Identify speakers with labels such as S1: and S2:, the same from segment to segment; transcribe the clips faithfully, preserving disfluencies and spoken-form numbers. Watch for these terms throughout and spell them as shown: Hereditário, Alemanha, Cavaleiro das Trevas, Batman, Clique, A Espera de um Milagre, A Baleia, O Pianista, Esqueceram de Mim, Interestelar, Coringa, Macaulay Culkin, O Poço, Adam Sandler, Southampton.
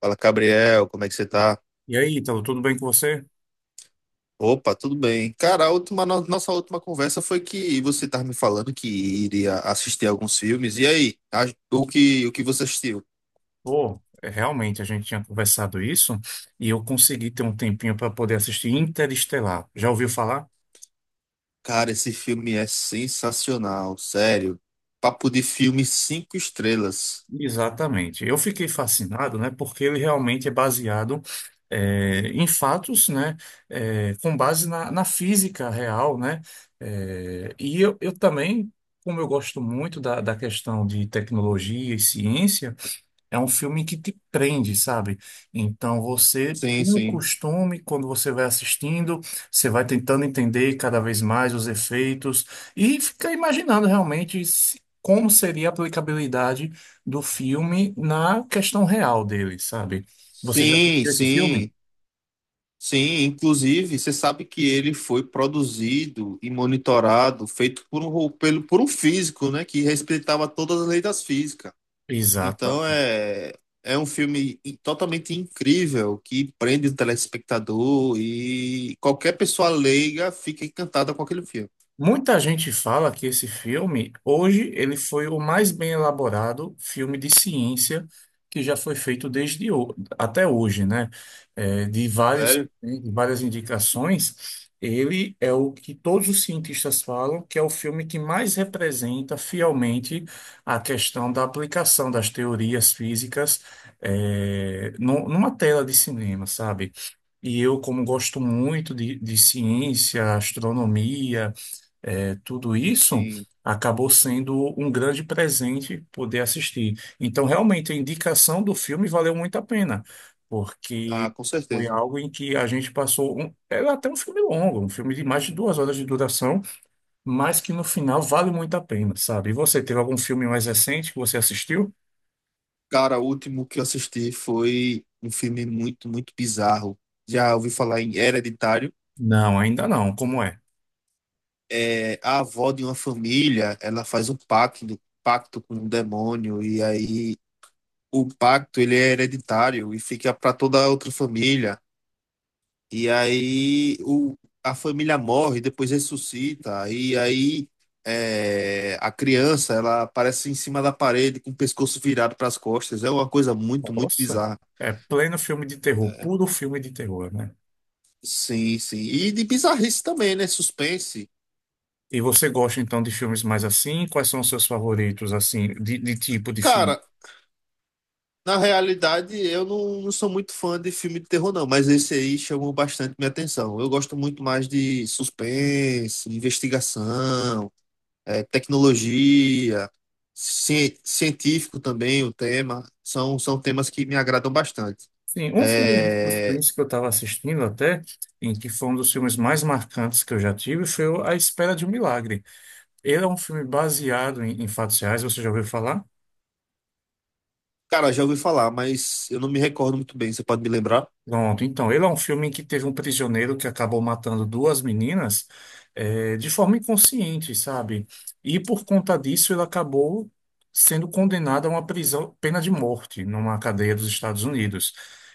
S1: Fala, Gabriel, como é que você tá?
S2: E aí, Ítalo, tudo bem com você?
S1: Opa, tudo bem. Cara, a última, no- nossa última conversa foi que você estava me falando que iria assistir alguns filmes. E aí, a- o que, o que você assistiu?
S2: Pô, é, realmente a gente tinha conversado isso e eu consegui ter um tempinho para poder assistir Interestelar. Já ouviu falar?
S1: Cara, esse filme é sensacional, sério. Papo de filme cinco estrelas.
S2: Exatamente. Eu fiquei fascinado, né? Porque ele realmente é baseado é, em fatos, né? É, com base na, na física real, né? É, e eu, eu também, como eu gosto muito da, da questão de tecnologia e ciência. É um filme que te prende, sabe? Então você
S1: Sim,
S2: tem o
S1: sim.
S2: costume: quando você vai assistindo, você vai tentando entender cada vez mais os efeitos e fica imaginando realmente se- como seria a aplicabilidade do filme na questão real dele, sabe? Você já
S1: Sim,
S2: assistiu esse filme?
S1: sim. Sim, inclusive, você sabe que ele foi produzido e monitorado, feito por um, ro- pelo, por um físico, né, que respeitava todas as leis das físicas. Então
S2: Exatamente.
S1: é, é um filme i- totalmente incrível que prende o telespectador e qualquer pessoa leiga fica encantada com aquele filme.
S2: Muita gente fala que esse filme, hoje, ele foi o mais bem elaborado filme de ciência que já foi feito desde ho- até hoje, né? É, de vários,
S1: Sério?
S2: né, de várias indicações, ele é o que todos os cientistas falam que é o filme que mais representa fielmente a questão da aplicação das teorias físicas, é, nu- numa tela de cinema, sabe? E eu, como gosto muito de, de ciência, astronomia, é, tudo isso
S1: Sim.
S2: acabou sendo um grande presente poder assistir. Então, realmente, a indicação do filme valeu muito a pena, porque
S1: Ah, com
S2: foi
S1: certeza.
S2: algo em que a gente passou. Um, era até um filme longo, um filme de mais de duas horas de duração, mas que no final vale muito a pena, sabe? E você, teve algum filme mais recente que você assistiu?
S1: Cara, o último que eu assisti foi um filme muito, muito bizarro. Já ouvi falar em Hereditário.
S2: Não, ainda não. Como é?
S1: É, a avó de uma família, ela faz um pacto, pacto com um demônio e aí o pacto ele é hereditário e fica para toda a outra família. E aí o, a família morre, depois ressuscita. E aí é, a criança, ela aparece em cima da parede com o pescoço virado para as costas. É uma coisa muito, muito
S2: Nossa,
S1: bizarra.
S2: é pleno filme de terror, puro filme de terror, né?
S1: Sim, sim. E de bizarrice também, né? Suspense.
S2: E você gosta então de filmes mais assim? Quais são os seus favoritos, assim, de, de tipo de filme?
S1: Cara, na realidade, eu não, não sou muito fã de filme de terror, não, mas esse aí chamou bastante minha atenção. Eu gosto muito mais de suspense, investigação. É, tecnologia, cien- científico também o tema, são, são temas que me agradam bastante.
S2: Sim, um filme de
S1: É,
S2: suspense que eu estava assistindo até, em que foi um dos filmes mais marcantes que eu já tive, foi o A Espera de um Milagre. Ele é um filme baseado em, em fatos reais, você já ouviu falar?
S1: cara, já ouvi falar, mas eu não me recordo muito bem, você pode me lembrar?
S2: Pronto, então, ele é um filme em que teve um prisioneiro que acabou matando duas meninas, eh, de forma inconsciente, sabe? E por conta disso ele acabou sendo condenado a uma prisão, pena de morte, numa cadeia dos Estados Unidos.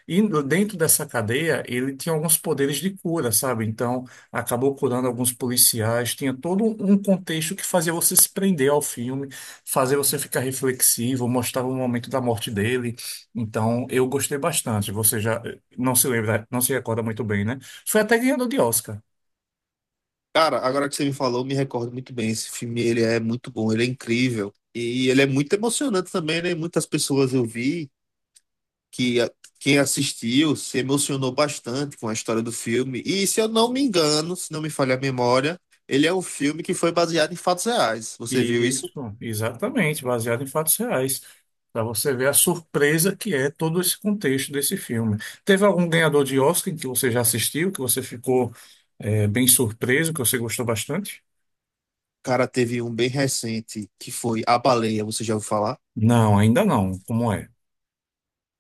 S2: E dentro dessa cadeia ele tinha alguns poderes de cura, sabe? Então, acabou curando alguns policiais, tinha todo um contexto que fazia você se prender ao filme, fazer você ficar reflexivo, mostrava o momento da morte dele. Então, eu gostei bastante. Você já não se lembra, não se recorda muito bem, né? Foi até ganhador de Oscar.
S1: Cara, agora que você me falou, eu me recordo muito bem. Esse filme, ele é muito bom, ele é incrível. E ele é muito emocionante também, né? Muitas pessoas eu vi que a- quem assistiu se emocionou bastante com a história do filme. E se eu não me engano, se não me falha a memória, ele é um filme que foi baseado em fatos reais. Você viu isso?
S2: Isso, exatamente, baseado em fatos reais. Para você ver a surpresa que é todo esse contexto desse filme. Teve algum ganhador de Oscar que você já assistiu, que você ficou eh, bem surpreso, que você gostou bastante?
S1: Cara, teve um bem recente que foi A Baleia, você já ouviu falar?
S2: Não, ainda não. Como é?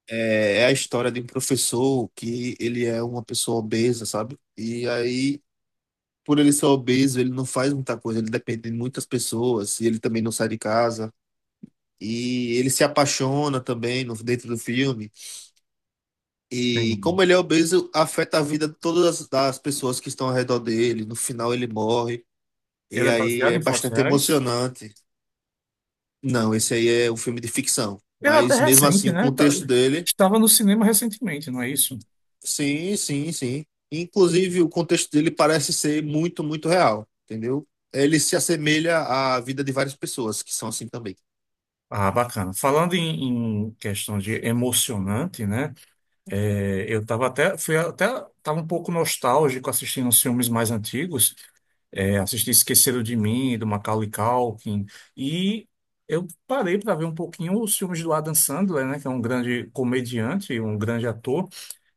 S1: É, é a história de um professor que ele é uma pessoa obesa, sabe? E aí, por ele ser obeso, ele não faz muita coisa, ele depende de muitas pessoas, e ele também não sai de casa. E ele se apaixona também no, dentro do filme. E
S2: Sim.
S1: como ele é obeso, afeta a vida de todas as das pessoas que estão ao redor dele. No final, ele morre. E
S2: Ele é
S1: aí
S2: baseado
S1: é
S2: em fatos
S1: bastante
S2: reais?
S1: emocionante. Não, esse aí é um filme de ficção.
S2: Ele é até
S1: Mas mesmo
S2: recente,
S1: assim, o
S2: né? Tá-
S1: contexto dele.
S2: estava no cinema recentemente, não é isso?
S1: Sim, sim, sim. Inclusive, o contexto dele parece ser muito, muito real, entendeu? Ele se assemelha à vida de várias pessoas que são assim também.
S2: Ah, bacana. Falando em, em questão de emocionante, né? É, eu estava até, fui até, tava um pouco nostálgico assistindo os filmes mais antigos. É, assisti Esqueceram de Mim, do Macaulay Culkin, e eu parei para ver um pouquinho os filmes do Adam Sandler, né, que é um grande comediante, um grande ator.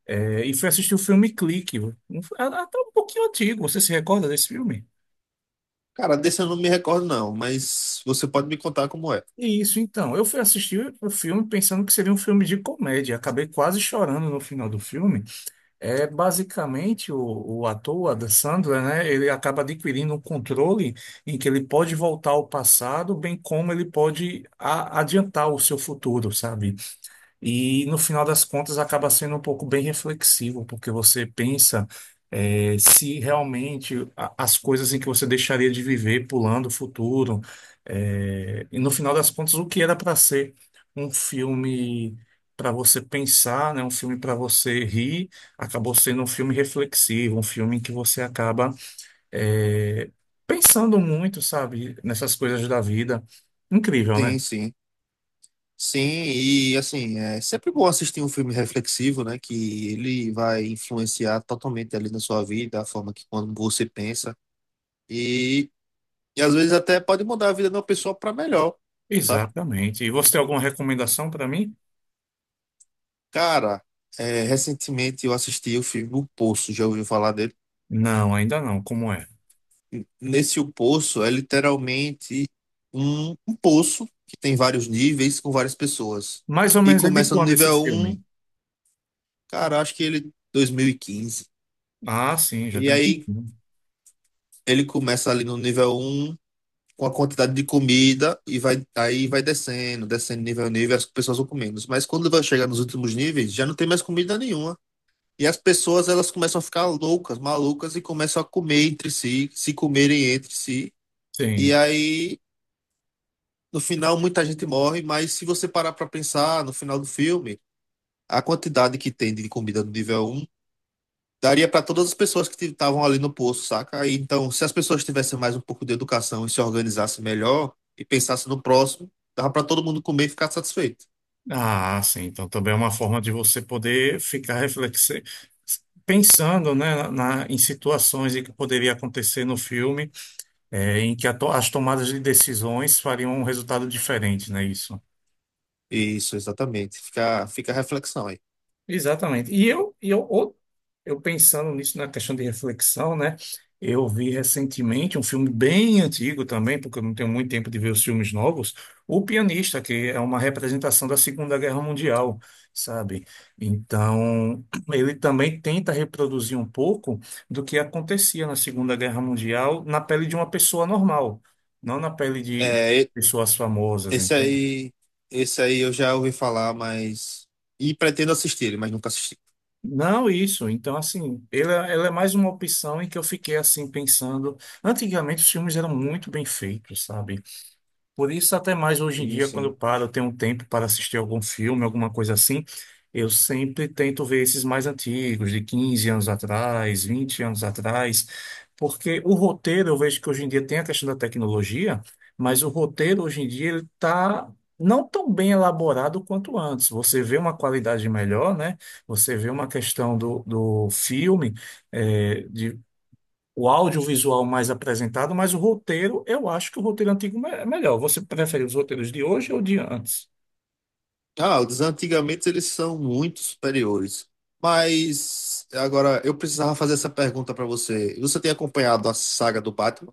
S2: É, e fui assistir o filme Clique. Um- é, é até um pouquinho antigo. Você se recorda desse filme?
S1: Cara, desse eu não me recordo, não, mas você pode me contar como é.
S2: E isso, então. Eu fui assistir o filme pensando que seria um filme de comédia. Acabei quase chorando no final do filme. É basicamente o, o ator, o Adam Sandler, né? Ele acaba adquirindo um controle em que ele pode voltar ao passado, bem como ele pode a- adiantar o seu futuro, sabe? E no final das contas acaba sendo um pouco bem reflexivo, porque você pensa eh, se realmente a- as coisas em que você deixaria de viver pulando o futuro, eh, e no final das contas o que era para ser um filme para você pensar, né, um filme para você rir, acabou sendo um filme reflexivo, um filme em que você acaba eh, pensando muito, sabe, nessas coisas da vida. Incrível, né?
S1: Sim, sim. Sim, e assim, é sempre bom assistir um filme reflexivo, né? Que ele vai influenciar totalmente ali na sua vida, a forma que quando você pensa. E, e às vezes até pode mudar a vida de uma pessoa para melhor, sabe?
S2: Exatamente. E você tem alguma recomendação para mim?
S1: Cara, é, recentemente eu assisti o filme O Poço, já ouviu falar dele?
S2: Não, ainda não. Como é?
S1: Nesse O Poço é literalmente um, um poço que tem vários níveis com várias pessoas.
S2: Mais ou
S1: E
S2: menos é de
S1: começa no
S2: quando esse
S1: nível um,
S2: filme?
S1: cara, acho que ele dois mil e quinze.
S2: Ah,
S1: E quinze.
S2: sim, já
S1: E
S2: tem um
S1: aí
S2: pouquinho.
S1: ele começa ali no nível um com a quantidade de comida e vai aí vai descendo, descendo nível a nível, as pessoas vão comendo. Mas quando vai chegar nos últimos níveis, já não tem mais comida nenhuma. E as pessoas elas começam a ficar loucas, malucas e começam a comer entre si, se comerem entre si. E
S2: Sim.
S1: aí, no final, muita gente morre, mas se você parar para pensar no final do filme, a quantidade que tem de comida no nível um daria para todas as pessoas que estavam ali no poço, saca? E então, se as pessoas tivessem mais um pouco de educação e se organizassem melhor e pensassem no próximo, dava para todo mundo comer e ficar satisfeito.
S2: Ah, sim. Então também é uma forma de você poder ficar reflexi pensando, né, na, na- em situações em que poderia acontecer no filme, é, em que a to- as tomadas de decisões fariam um resultado diferente, né? Isso.
S1: Isso, exatamente. Fica, fica a reflexão aí.
S2: Exatamente. E eu, e eu, o- eu pensando nisso na questão de reflexão, né? Eu vi recentemente um filme bem antigo também, porque eu não tenho muito tempo de ver os filmes novos: O Pianista, que é uma representação da Segunda Guerra Mundial, sabe? Então, ele também tenta reproduzir um pouco do que acontecia na Segunda Guerra Mundial na pele de uma pessoa normal, não na pele de
S1: É,
S2: pessoas famosas,
S1: Esse
S2: entende?
S1: aí, esse aí eu já ouvi falar, mas. E pretendo assistir mas nunca assisti.
S2: Não, isso. Então, assim, ela, ela é mais uma opção em que eu fiquei assim pensando. Antigamente os filmes eram muito bem feitos, sabe? Por isso, até mais hoje em
S1: Sim,
S2: dia, quando eu
S1: sim.
S2: paro, eu tenho um tempo para assistir algum filme, alguma coisa assim, eu sempre tento ver esses mais antigos, de quinze anos atrás, vinte anos atrás, porque o roteiro, eu vejo que hoje em dia tem a questão da tecnologia, mas o roteiro hoje em dia ele está não tão bem elaborado quanto antes. Você vê uma qualidade melhor, né? Você vê uma questão do, do filme, o audiovisual mais apresentado, mas o roteiro, eu acho que o roteiro antigo me- é melhor. Você prefere os roteiros de hoje ou de antes?
S1: Ah, os antigamente eles são muito superiores. Mas agora eu precisava fazer essa pergunta pra você. Você tem acompanhado a saga do Batman?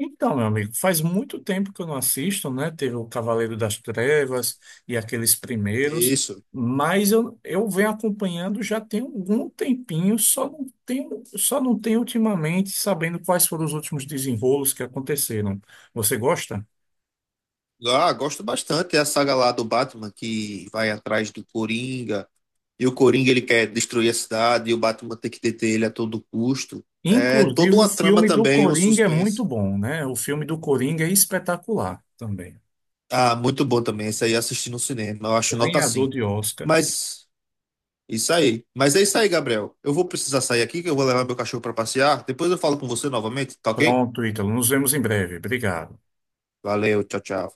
S2: Então, meu amigo, faz muito tempo que eu não assisto, né? Teve o Cavaleiro das Trevas e aqueles primeiros,
S1: Isso.
S2: mas eu, eu venho acompanhando já tem algum tempinho, só não tenho, só não tenho ultimamente sabendo quais foram os últimos desenrolos que aconteceram. Você gosta?
S1: Ah, gosto bastante. É a saga lá do Batman que vai atrás do Coringa. E o Coringa ele quer destruir a cidade e o Batman tem que deter ele a todo custo. É toda
S2: Inclusive, o
S1: uma trama
S2: filme do
S1: também, um
S2: Coringa é muito
S1: suspense.
S2: bom, né? O filme do Coringa é espetacular também.
S1: Ah, muito bom também. Esse aí assisti no cinema. Eu acho nota
S2: Ganhador
S1: cinco.
S2: de Oscar.
S1: Mas isso aí. Mas é isso aí, Gabriel. Eu vou precisar sair aqui, que eu vou levar meu cachorro para passear. Depois eu falo com você novamente, tá ok?
S2: Pronto, Ítalo. Nos vemos em breve. Obrigado.
S1: Valeu, tchau, tchau.